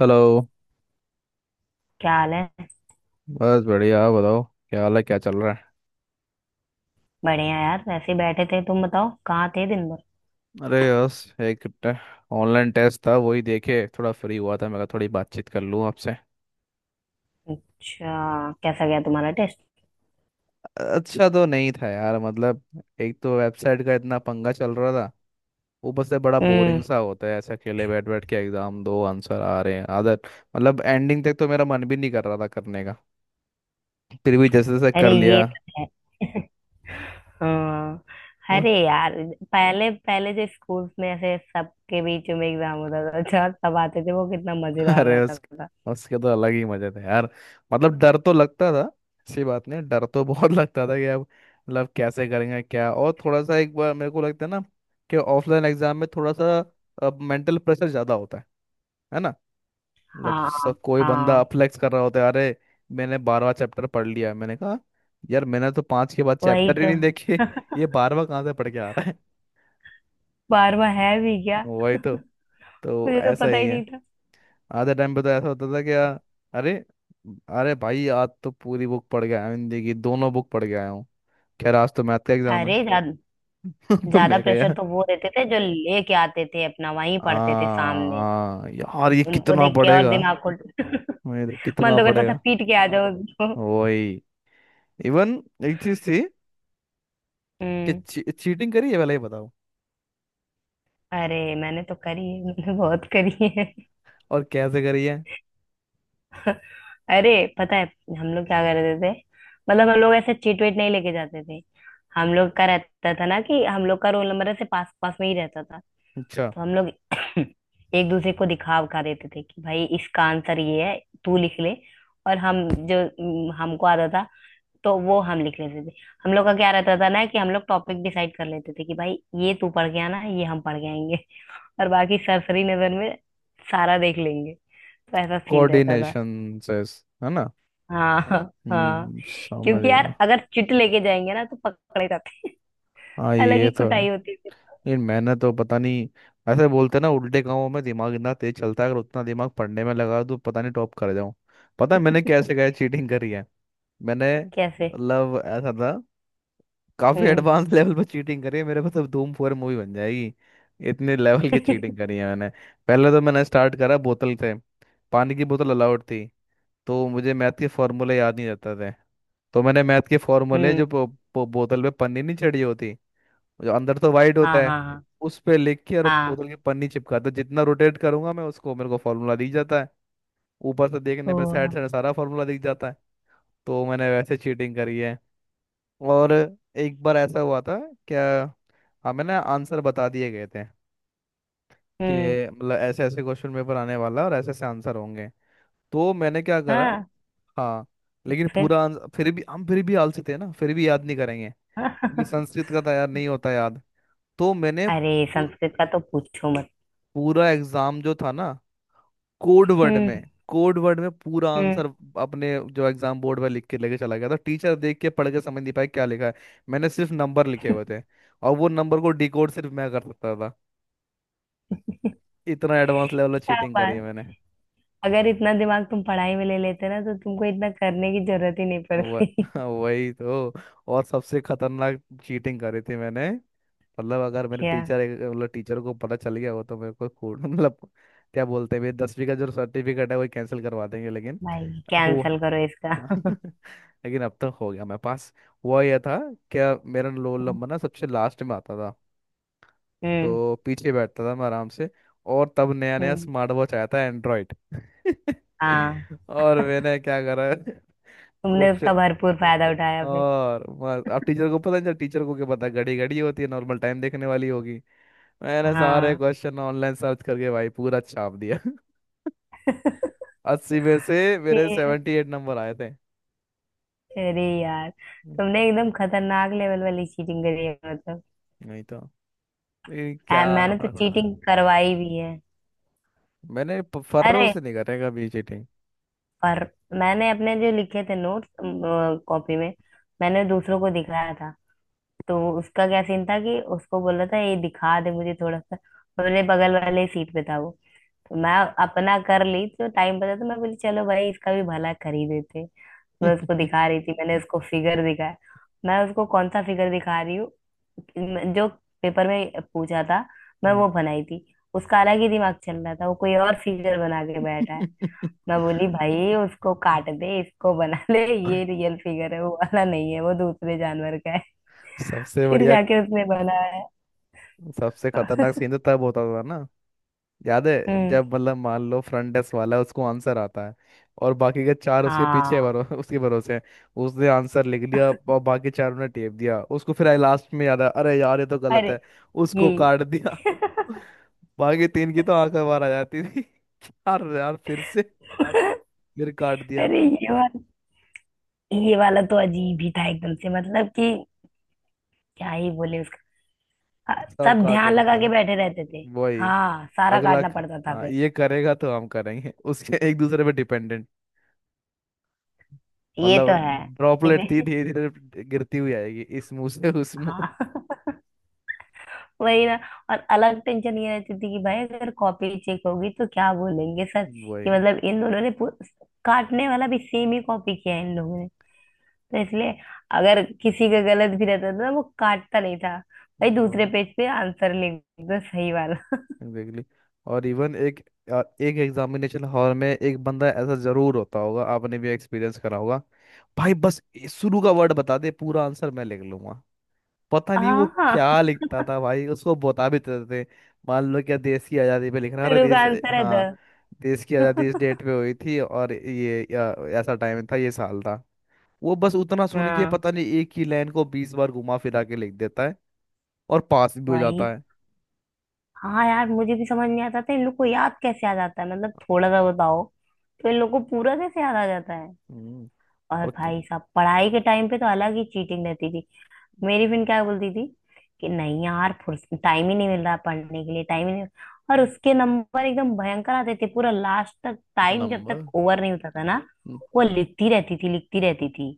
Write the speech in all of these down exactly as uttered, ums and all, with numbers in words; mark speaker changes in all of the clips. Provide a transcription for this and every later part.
Speaker 1: Hello.
Speaker 2: क्या हाल है?
Speaker 1: बस बढ़िया आप बताओ। क्या हाल है क्या चल रहा है।
Speaker 2: बढ़िया यार, वैसे ही बैठे थे। तुम बताओ कहाँ थे दिन भर?
Speaker 1: अरे यस। एक ऑनलाइन टेस्ट था, वही देखे, थोड़ा फ्री हुआ था, मैं कहा थोड़ी बातचीत कर लूँ आपसे।
Speaker 2: अच्छा, कैसा गया तुम्हारा टेस्ट?
Speaker 1: अच्छा तो नहीं था यार मतलब, एक तो वेबसाइट का इतना पंगा चल रहा था। ऊपर से बड़ा बोरिंग
Speaker 2: हम्म।
Speaker 1: सा होता है, ऐसे अकेले बैठ बैठ के एग्जाम दो, आंसर आ रहे हैं आदत। मतलब एंडिंग तक तो मेरा मन भी नहीं कर रहा था करने का, फिर भी जैसे जैसे
Speaker 2: अरे
Speaker 1: कर
Speaker 2: ये
Speaker 1: लिया।
Speaker 2: तो है। हाँ। अरे यार, पहले पहले जो स्कूल में ऐसे सबके बीच में एग्जाम होता था, अच्छा सब आते थे, वो कितना मजेदार
Speaker 1: अरे
Speaker 2: रहता
Speaker 1: उस
Speaker 2: था।
Speaker 1: उसके तो अलग ही मजे थे यार। मतलब डर तो लगता था। ऐसी बात नहीं, डर तो बहुत लगता था कि अब मतलब कैसे करेंगे क्या, और थोड़ा सा एक बार मेरे को लगता है ना कि ऑफलाइन एग्जाम में थोड़ा सा मेंटल प्रेशर ज़्यादा होता है। है ना। मतलब
Speaker 2: हाँ
Speaker 1: सब, कोई बंदा
Speaker 2: हाँ।
Speaker 1: फ्लेक्स कर रहा होता है, अरे मैंने बारहवा चैप्टर पढ़ लिया है, मैंने कहा यार मैंने तो पाँच के बाद
Speaker 2: वही
Speaker 1: चैप्टर ही
Speaker 2: तो।
Speaker 1: नहीं देखे, ये बारहवा कहाँ से पढ़ के आ रहा है।
Speaker 2: बार बार है भी क्या।
Speaker 1: वही तो। तो
Speaker 2: मुझे तो
Speaker 1: ऐसा
Speaker 2: पता
Speaker 1: ही
Speaker 2: ही
Speaker 1: है।
Speaker 2: नहीं था।
Speaker 1: आधे टाइम पे तो ऐसा होता था कि यार, अरे अरे भाई आज तो पूरी बुक पढ़ के आया हूँ, हिंदी की दोनों बुक पढ़ के आया हूँ, खैर आज तो मैथ का एग्जाम है।
Speaker 2: अरे ज्यादा,
Speaker 1: तो
Speaker 2: ज्यादा
Speaker 1: मैं कह
Speaker 2: प्रेशर
Speaker 1: यार
Speaker 2: तो वो देते थे जो लेके आते थे, अपना वहीं
Speaker 1: आ,
Speaker 2: पढ़ते थे सामने।
Speaker 1: आ, यार ये
Speaker 2: उनको
Speaker 1: कितना
Speaker 2: देख के और
Speaker 1: पड़ेगा।
Speaker 2: दिमाग खुल।
Speaker 1: मेरे
Speaker 2: मन
Speaker 1: कितना
Speaker 2: तो करता था
Speaker 1: पड़ेगा।
Speaker 2: पीट के आ जाओ उसको।
Speaker 1: वही। इवन एक चीज थी कि
Speaker 2: हम्म।
Speaker 1: ची, चीटिंग करी है पहले ये बताओ।
Speaker 2: अरे मैंने तो करी है, मैंने बहुत करी है।
Speaker 1: और कैसे करी है।
Speaker 2: अरे, पता है हम लोग क्या करते थे? मतलब हम लोग ऐसे चीट वेट नहीं लेके जाते थे। हम लोग का रहता था ना कि हम लोग का रोल नंबर ऐसे पास पास में ही रहता था।
Speaker 1: अच्छा।
Speaker 2: तो हम लोग एक दूसरे को दिखा उखा देते थे कि भाई इसका आंसर ये है, तू लिख ले। और हम जो हम्म, हमको आता था, तो वो हम लिख लेते थे। हम लोग का क्या रहता था ना कि हम लोग टॉपिक डिसाइड कर लेते थे कि भाई ये तू पढ़ के आना, ये हम पढ़ के आएंगे। और बाकी सरसरी नजर में सारा देख लेंगे। तो ऐसा सीन रहता था।
Speaker 1: कोऑर्डिनेशन से है ना।
Speaker 2: हाँ। हाँ।
Speaker 1: हम्म समझ
Speaker 2: क्योंकि
Speaker 1: गया।
Speaker 2: यार अगर चिट लेके जाएंगे ना तो पकड़े जाते हैं।
Speaker 1: हाँ
Speaker 2: अलग
Speaker 1: ये
Speaker 2: ही
Speaker 1: तो है।
Speaker 2: कुटाई होती थी।
Speaker 1: ये मैंने तो पता नहीं। ऐसे बोलते हैं ना, उल्टे कामों में दिमाग इतना तेज चलता है, अगर उतना दिमाग पढ़ने में लगा तो पता नहीं टॉप कर जाऊं। पता है मैंने कैसे कैसे चीटिंग करी है। मैंने
Speaker 2: कैसे?
Speaker 1: मतलब ऐसा था। काफी
Speaker 2: हम्म।
Speaker 1: एडवांस लेवल पर चीटिंग करी है, मेरे पास अब धूम फोर मूवी बन जाएगी। इतने लेवल की चीटिंग करी है मैंने। पहले तो मैंने स्टार्ट करा बोतल से। पानी की बोतल अलाउड थी। तो मुझे मैथ के फॉर्मूले याद नहीं रहते थे। तो मैंने मैथ के फॉर्मूले जो
Speaker 2: हम्म।
Speaker 1: बो- बो- बोतल पे पन्नी नहीं चढ़ी होती, जो अंदर तो वाइड होता
Speaker 2: हाँ
Speaker 1: है,
Speaker 2: हाँ हाँ।
Speaker 1: उस पे लिख के और
Speaker 2: हाँ।
Speaker 1: बोतल की पन्नी चिपका, तो जितना रोटेट करूंगा मैं उसको मेरे को फार्मूला दिख जाता है। ऊपर से देखने
Speaker 2: तो।
Speaker 1: पर साइड साइड सारा फार्मूला दिख जाता है। तो मैंने वैसे चीटिंग करी है। और एक बार ऐसा हुआ था क्या, हमें ना आंसर बता दिए गए थे
Speaker 2: हम्म।
Speaker 1: कि मतलब ऐसे ऐसे क्वेश्चन पेपर आने वाला और ऐसे ऐसे आंसर होंगे। तो मैंने क्या करा।
Speaker 2: हाँ।
Speaker 1: हाँ। लेकिन
Speaker 2: फिर।
Speaker 1: पूरा आंसर फिर भी हम फिर भी आलसी थे ना, फिर भी याद नहीं करेंगे। क्योंकि
Speaker 2: हाँ।
Speaker 1: संस्कृत का था यार, नहीं होता याद। तो मैंने
Speaker 2: अरे
Speaker 1: पू-
Speaker 2: संस्कृत का तो पूछो मत।
Speaker 1: पूरा एग्जाम जो था ना कोड वर्ड
Speaker 2: हम्म।
Speaker 1: में कोड वर्ड में पूरा
Speaker 2: हम्म।
Speaker 1: आंसर, अपने जो एग्जाम बोर्ड पर लिख के लेके चला गया था, टीचर देख के पढ़ के समझ नहीं पाए क्या लिखा है। मैंने सिर्फ नंबर लिखे हुए थे, और वो नंबर को डिकोड सिर्फ मैं कर सकता था। इतना एडवांस लेवल
Speaker 2: क्या
Speaker 1: चीटिंग करी है
Speaker 2: बात!
Speaker 1: मैंने।
Speaker 2: अगर इतना दिमाग तुम पढ़ाई में ले लेते ना तो तुमको इतना करने की जरूरत ही नहीं
Speaker 1: वह
Speaker 2: पड़ती।
Speaker 1: वही तो। और सबसे खतरनाक चीटिंग करी थी मैंने। मतलब अगर मेरे
Speaker 2: क्या?
Speaker 1: टीचर, मतलब टीचर को पता चल गया हो तो मेरे को कोड मतलब, क्या बोलते हैं, मेरे दसवीं का जो सर्टिफिकेट है वो कैंसिल करवा देंगे, लेकिन।
Speaker 2: भाई
Speaker 1: हो
Speaker 2: कैंसल करो
Speaker 1: हाँ,
Speaker 2: इसका।
Speaker 1: लेकिन अब तक हो गया मेरे पास। हुआ यह था क्या, मेरा रोल नंबर ना सबसे लास्ट में आता था।
Speaker 2: हम्म।
Speaker 1: तो पीछे बैठता था मैं आराम से। और तब नया नया
Speaker 2: हम्म।
Speaker 1: स्मार्ट वॉच आया था एंड्रॉइड,
Speaker 2: हाँ।
Speaker 1: और मैंने क्या करा।
Speaker 2: तुमने
Speaker 1: कुछ
Speaker 2: उसका भरपूर फायदा उठाया फिर।
Speaker 1: और बस, अब टीचर को पता नहीं चला, टीचर को क्या पता घड़ी घड़ी होती है नॉर्मल टाइम देखने वाली होगी। मैंने सारे
Speaker 2: हाँ।
Speaker 1: क्वेश्चन ऑनलाइन सर्च करके भाई पूरा छाप दिया। अस्सी में से मेरे
Speaker 2: फिर-
Speaker 1: सेवेंटी एट नंबर आए थे।
Speaker 2: अरे यार!
Speaker 1: हम्म,
Speaker 2: तुमने एकदम खतरनाक लेवल वाली चीटिंग करी है मतलब।
Speaker 1: नहीं तो ये क्या
Speaker 2: आ, मैंने तो
Speaker 1: फर्क पड़ता।
Speaker 2: चीटिंग करवाई भी है।
Speaker 1: मैंने प- फर्रों
Speaker 2: अरे,
Speaker 1: से नहीं करेगा भी चीटिंग।
Speaker 2: पर मैंने अपने जो लिखे थे नोट्स कॉपी में, मैंने दूसरों को दिखाया था। तो उसका क्या सीन था कि उसको बोला था ये दिखा दे मुझे थोड़ा सा, तो मेरे बगल वाले सीट पे था वो। तो मैं अपना कर ली तो टाइम बचा तो मैं बोली चलो भाई इसका भी भला कर ही देते। मैं उसको दिखा रही थी, मैंने उसको फिगर दिखाया। मैं उसको कौन सा फिगर दिखा रही हूँ जो पेपर में पूछा था, मैं वो बनाई थी। उसका अलग ही दिमाग चल रहा था, वो कोई और फिगर बना के बैठा है। मैं बोली भाई उसको काट दे, इसको बना ले, ये रियल फिगर है, वो वाला नहीं है, वो दूसरे जानवर का है।
Speaker 1: सबसे
Speaker 2: फिर
Speaker 1: बढ़िया,
Speaker 2: जाके उसने बनाया।
Speaker 1: सबसे खतरनाक सीन तो तब होता था ना, याद है
Speaker 2: हम्म।
Speaker 1: जब मतलब मान लो फ्रंट डेस्क वाला है, उसको आंसर आता है, और बाकी के चार उसके पीछे
Speaker 2: हाँ।
Speaker 1: भरो उसके भरोसे हैं। उसने आंसर लिख लिया और बाकी चारों ने टेप दिया उसको, फिर लास्ट में याद आया अरे यार ये तो गलत
Speaker 2: अरे
Speaker 1: है, उसको
Speaker 2: ये।
Speaker 1: काट दिया। बाकी तीन की तो आंखें बाहर आ जाती थी। यार यार फिर से,
Speaker 2: अरे
Speaker 1: फिर काट दिया।
Speaker 2: ये वाला, ये वाला तो अजीब ही था एकदम से, मतलब कि क्या ही बोले उसका। हाँ,
Speaker 1: सब
Speaker 2: सब
Speaker 1: काट
Speaker 2: ध्यान
Speaker 1: रहे
Speaker 2: लगा के
Speaker 1: वरना।
Speaker 2: बैठे रहते थे।
Speaker 1: वही।
Speaker 2: हाँ, सारा
Speaker 1: अगला
Speaker 2: काटना
Speaker 1: क-
Speaker 2: पड़ता था
Speaker 1: हाँ
Speaker 2: फिर।
Speaker 1: ये करेगा तो हम करेंगे, उसके एक दूसरे पे डिपेंडेंट।
Speaker 2: ये तो
Speaker 1: मतलब
Speaker 2: है।
Speaker 1: ड्रॉपलेट थी
Speaker 2: इसे।
Speaker 1: धीरे धीरे गिरती हुई आएगी, इस मुंह से उस मुंह।
Speaker 2: हाँ। वही ना। और अलग टेंशन ये रहती थी कि भाई अगर कॉपी चेक होगी तो क्या बोलेंगे सर कि
Speaker 1: वही
Speaker 2: मतलब इन दोनों ने पू-, काटने वाला भी सेम ही कॉपी किया है इन लोगों ने। तो इसलिए अगर किसी का गलत भी रहता था ना वो काटता नहीं था। भाई दूसरे
Speaker 1: वही
Speaker 2: पेज पे आंसर लिख दो सही वाला।
Speaker 1: एग्जैक्टली। और इवन एक अ, एक एग्जामिनेशन हॉल में एक बंदा ऐसा जरूर होता होगा, आपने भी एक्सपीरियंस करा होगा। भाई बस ये शुरू का वर्ड बता दे, पूरा आंसर मैं लिख लूंगा। पता नहीं वो
Speaker 2: हाँ।
Speaker 1: क्या लिखता था, भाई उसको बता भी तो देते थे। मान लो क्या देश की आज़ादी पे लिखना, अरे
Speaker 2: शुरू का
Speaker 1: देश
Speaker 2: आंसर है द।
Speaker 1: हाँ देश की आज़ादी इस डेट पे हुई थी और ये या, ऐसा टाइम था ये साल था। वो बस उतना सुन के
Speaker 2: हाँ।
Speaker 1: पता नहीं एक ही लाइन को बीस बार घुमा फिरा के लिख देता है, और पास भी हो जाता
Speaker 2: वही।
Speaker 1: है।
Speaker 2: हाँ यार, मुझे भी समझ नहीं आता था इन लोग को याद कैसे आ जाता है, मतलब थोड़ा सा बताओ तो इन लोग को पूरा कैसे याद आ जाता है।
Speaker 1: हम्म,
Speaker 2: और
Speaker 1: और क-
Speaker 2: भाई साहब पढ़ाई के टाइम पे तो अलग ही चीटिंग रहती थी। मेरी फिर क्या बोलती थी कि नहीं यार, टाइम ही नहीं मिल रहा पढ़ने के लिए, टाइम ही नहीं। और उसके नंबर एकदम भयंकर आते थे पूरा लास्ट तक। टाइम जब तक
Speaker 1: नंबर,
Speaker 2: ओवर नहीं होता था ना वो लिखती रहती थी, लिखती रहती थी।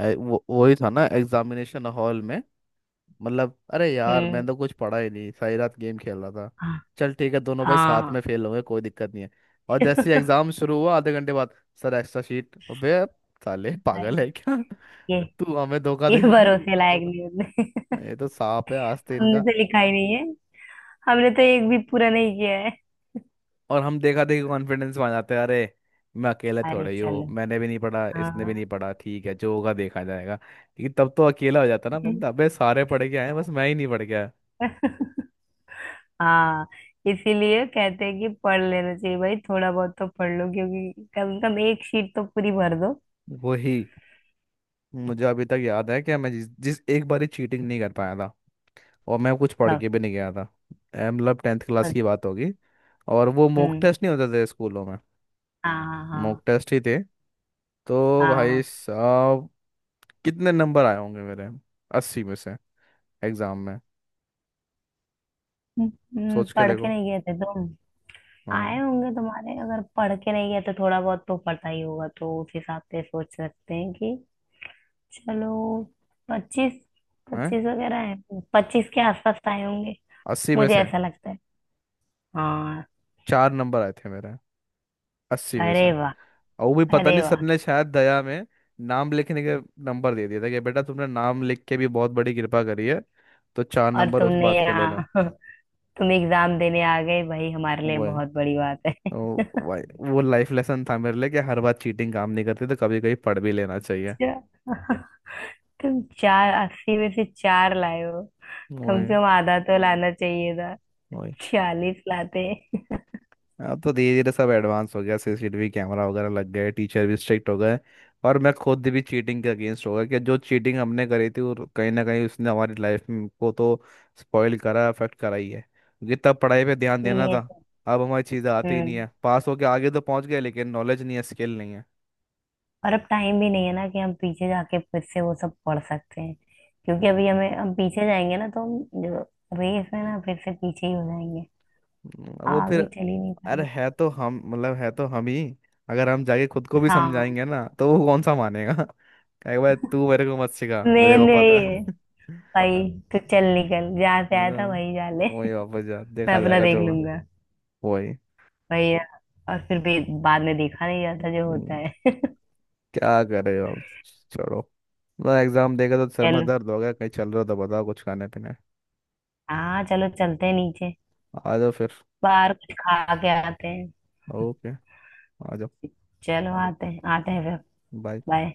Speaker 1: ऐ- वो वही था ना एग्जामिनेशन हॉल में। मतलब अरे यार
Speaker 2: हम्म।
Speaker 1: मैंने तो कुछ पढ़ा ही नहीं, सारी रात गेम खेल रहा था।
Speaker 2: हाँ।
Speaker 1: चल ठीक है, दोनों भाई साथ में
Speaker 2: हाँ।
Speaker 1: फेल होंगे, कोई दिक्कत नहीं है। और जैसे ही एग्जाम शुरू हुआ आधे घंटे बाद सर एक्स्ट्रा शीट, अबे साले
Speaker 2: भाई
Speaker 1: पागल है क्या।
Speaker 2: ये
Speaker 1: तू हमें धोखा
Speaker 2: ये
Speaker 1: दे रहा
Speaker 2: भरोसे लायक न्यूज नहीं।
Speaker 1: है, ये तो सांप है आस्ते
Speaker 2: हमने
Speaker 1: इनका।
Speaker 2: तो लिखा ही नहीं है, हमने तो एक भी पूरा नहीं किया है।
Speaker 1: और हम देखा देखी कॉन्फिडेंस में आ जाते हैं, अरे मैं अकेले
Speaker 2: अरे
Speaker 1: थोड़े ही हूँ,
Speaker 2: चलो।
Speaker 1: मैंने भी नहीं पढ़ा इसने
Speaker 2: हाँ।
Speaker 1: भी नहीं पढ़ा, ठीक है जो होगा देखा जाएगा, लेकिन तब तो अकेला हो जाता ना बंदा, अबे सारे पढ़ के आए हैं, बस मैं ही नहीं पढ़ के आया।
Speaker 2: हाँ। इसीलिए कहते हैं कि पढ़ लेना चाहिए भाई, थोड़ा बहुत तो पढ़ लो क्योंकि कम से कम एक शीट तो पूरी भर दो।
Speaker 1: वही। मुझे अभी तक याद है कि मैं जिस जिस एक बार ही चीटिंग नहीं कर पाया था, और मैं कुछ पढ़
Speaker 2: कब?
Speaker 1: के भी नहीं गया था। ए, मतलब टेंथ क्लास
Speaker 2: हद-
Speaker 1: की बात होगी। और वो मॉक
Speaker 2: हम्म।
Speaker 1: टेस्ट नहीं होते थे स्कूलों में,
Speaker 2: हाँ हाँ हाँ।
Speaker 1: मॉक टेस्ट ही थे। तो भाई
Speaker 2: हाँ।
Speaker 1: साहब कितने नंबर आए होंगे मेरे, अस्सी में से, एग्जाम में।
Speaker 2: हम्म,
Speaker 1: सोच के
Speaker 2: पढ़ के
Speaker 1: देखो।
Speaker 2: नहीं गए थे तुम? आए
Speaker 1: हाँ।
Speaker 2: होंगे तुम्हारे, अगर पढ़ के नहीं गए तो थोड़ा बहुत तो पता ही होगा तो उस हिसाब से सोच सकते हैं कि चलो पच्चीस,
Speaker 1: हैं।
Speaker 2: पच्चीस वगैरह है। पच्चीस के आसपास आए होंगे,
Speaker 1: अस्सी में
Speaker 2: मुझे
Speaker 1: से
Speaker 2: ऐसा लगता है। हाँ।
Speaker 1: चार नंबर आए थे मेरे, अस्सी में
Speaker 2: अरे
Speaker 1: से।
Speaker 2: वाह!
Speaker 1: और वो भी पता
Speaker 2: अरे
Speaker 1: नहीं, सर
Speaker 2: वाह!
Speaker 1: ने शायद दया में नाम लिखने के नंबर दे दिया था कि बेटा तुमने नाम लिख के भी बहुत बड़ी कृपा करी है, तो चार
Speaker 2: और
Speaker 1: नंबर उस
Speaker 2: तुमने
Speaker 1: बात के लेना।
Speaker 2: यहाँ तुम एग्जाम देने आ गए भाई, हमारे लिए
Speaker 1: वो है।
Speaker 2: बहुत बड़ी बात है।
Speaker 1: और भाई वो लाइफ लेसन था मेरे लिए कि हर बार चीटिंग काम नहीं करती, तो कभी कभी पढ़ भी लेना चाहिए।
Speaker 2: अच्छा, तुम चार अस्सी में से चार लाए हो? कम से
Speaker 1: वही
Speaker 2: कम आधा तो लाना चाहिए था।
Speaker 1: वही।
Speaker 2: छियालीस लाते।
Speaker 1: अब तो धीरे धीरे सब एडवांस हो गया, सी सी टी वी कैमरा वगैरह लग गए, टीचर भी स्ट्रिक्ट हो गए। और मैं खुद भी चीटिंग के अगेंस्ट हो गया, कि जो चीटिंग हमने करी थी वो कहीं ना कहीं उसने हमारी लाइफ को तो स्पॉइल करा अफेक्ट करा ही है, क्योंकि तब पढ़ाई पे ध्यान देना
Speaker 2: ये
Speaker 1: था।
Speaker 2: तो-
Speaker 1: अब हमारी चीज़ें आती ही नहीं
Speaker 2: हम्म।
Speaker 1: है, पास होके आगे तो पहुंच गए लेकिन नॉलेज नहीं है स्किल नहीं है।
Speaker 2: और अब टाइम भी नहीं है ना कि हम पीछे जाके फिर से वो सब पढ़ सकते हैं, क्योंकि अभी हमें,
Speaker 1: हम्म
Speaker 2: हम पीछे जाएंगे ना तो हम जो रेस है ना फिर से पीछे ही हो जाएंगे।
Speaker 1: हम्म, वो
Speaker 2: आगे
Speaker 1: फिर।
Speaker 2: चल ही नहीं
Speaker 1: अरे
Speaker 2: पाएंगे।
Speaker 1: है तो हम, मतलब है तो हम ही। अगर हम जाके खुद को भी
Speaker 2: हाँ।
Speaker 1: समझाएंगे ना तो वो कौन सा मानेगा। कहेगा भाई तू मेरे को मत सिखा, मेरे को
Speaker 2: मेन
Speaker 1: पता
Speaker 2: यही है।
Speaker 1: है।
Speaker 2: भाई तू चल निकल, जहाँ से
Speaker 1: मैं
Speaker 2: आया था वही जा ले।
Speaker 1: तो वही वापस जा,
Speaker 2: मैं
Speaker 1: देखा
Speaker 2: अपना
Speaker 1: जाएगा
Speaker 2: देख
Speaker 1: जो होगा।
Speaker 2: लूंगा
Speaker 1: वही।
Speaker 2: भैया। और फिर भी बाद में देखा नहीं जाता जो होता
Speaker 1: हम्म,
Speaker 2: है।
Speaker 1: क्या कर रहे हो आप? छोड़ो। मतलब एग्जाम देगा तो सर में
Speaker 2: चलो।
Speaker 1: दर्द हो गया, कहीं चल रहा हो तो बताओ कुछ खाने पीने।
Speaker 2: हाँ चलो, चलते हैं नीचे।
Speaker 1: आ जाओ फिर।
Speaker 2: बाहर कुछ खा के आते हैं।
Speaker 1: ओके आ जाओ।
Speaker 2: चलो आते हैं आते हैं फिर।
Speaker 1: बाय।
Speaker 2: बाय।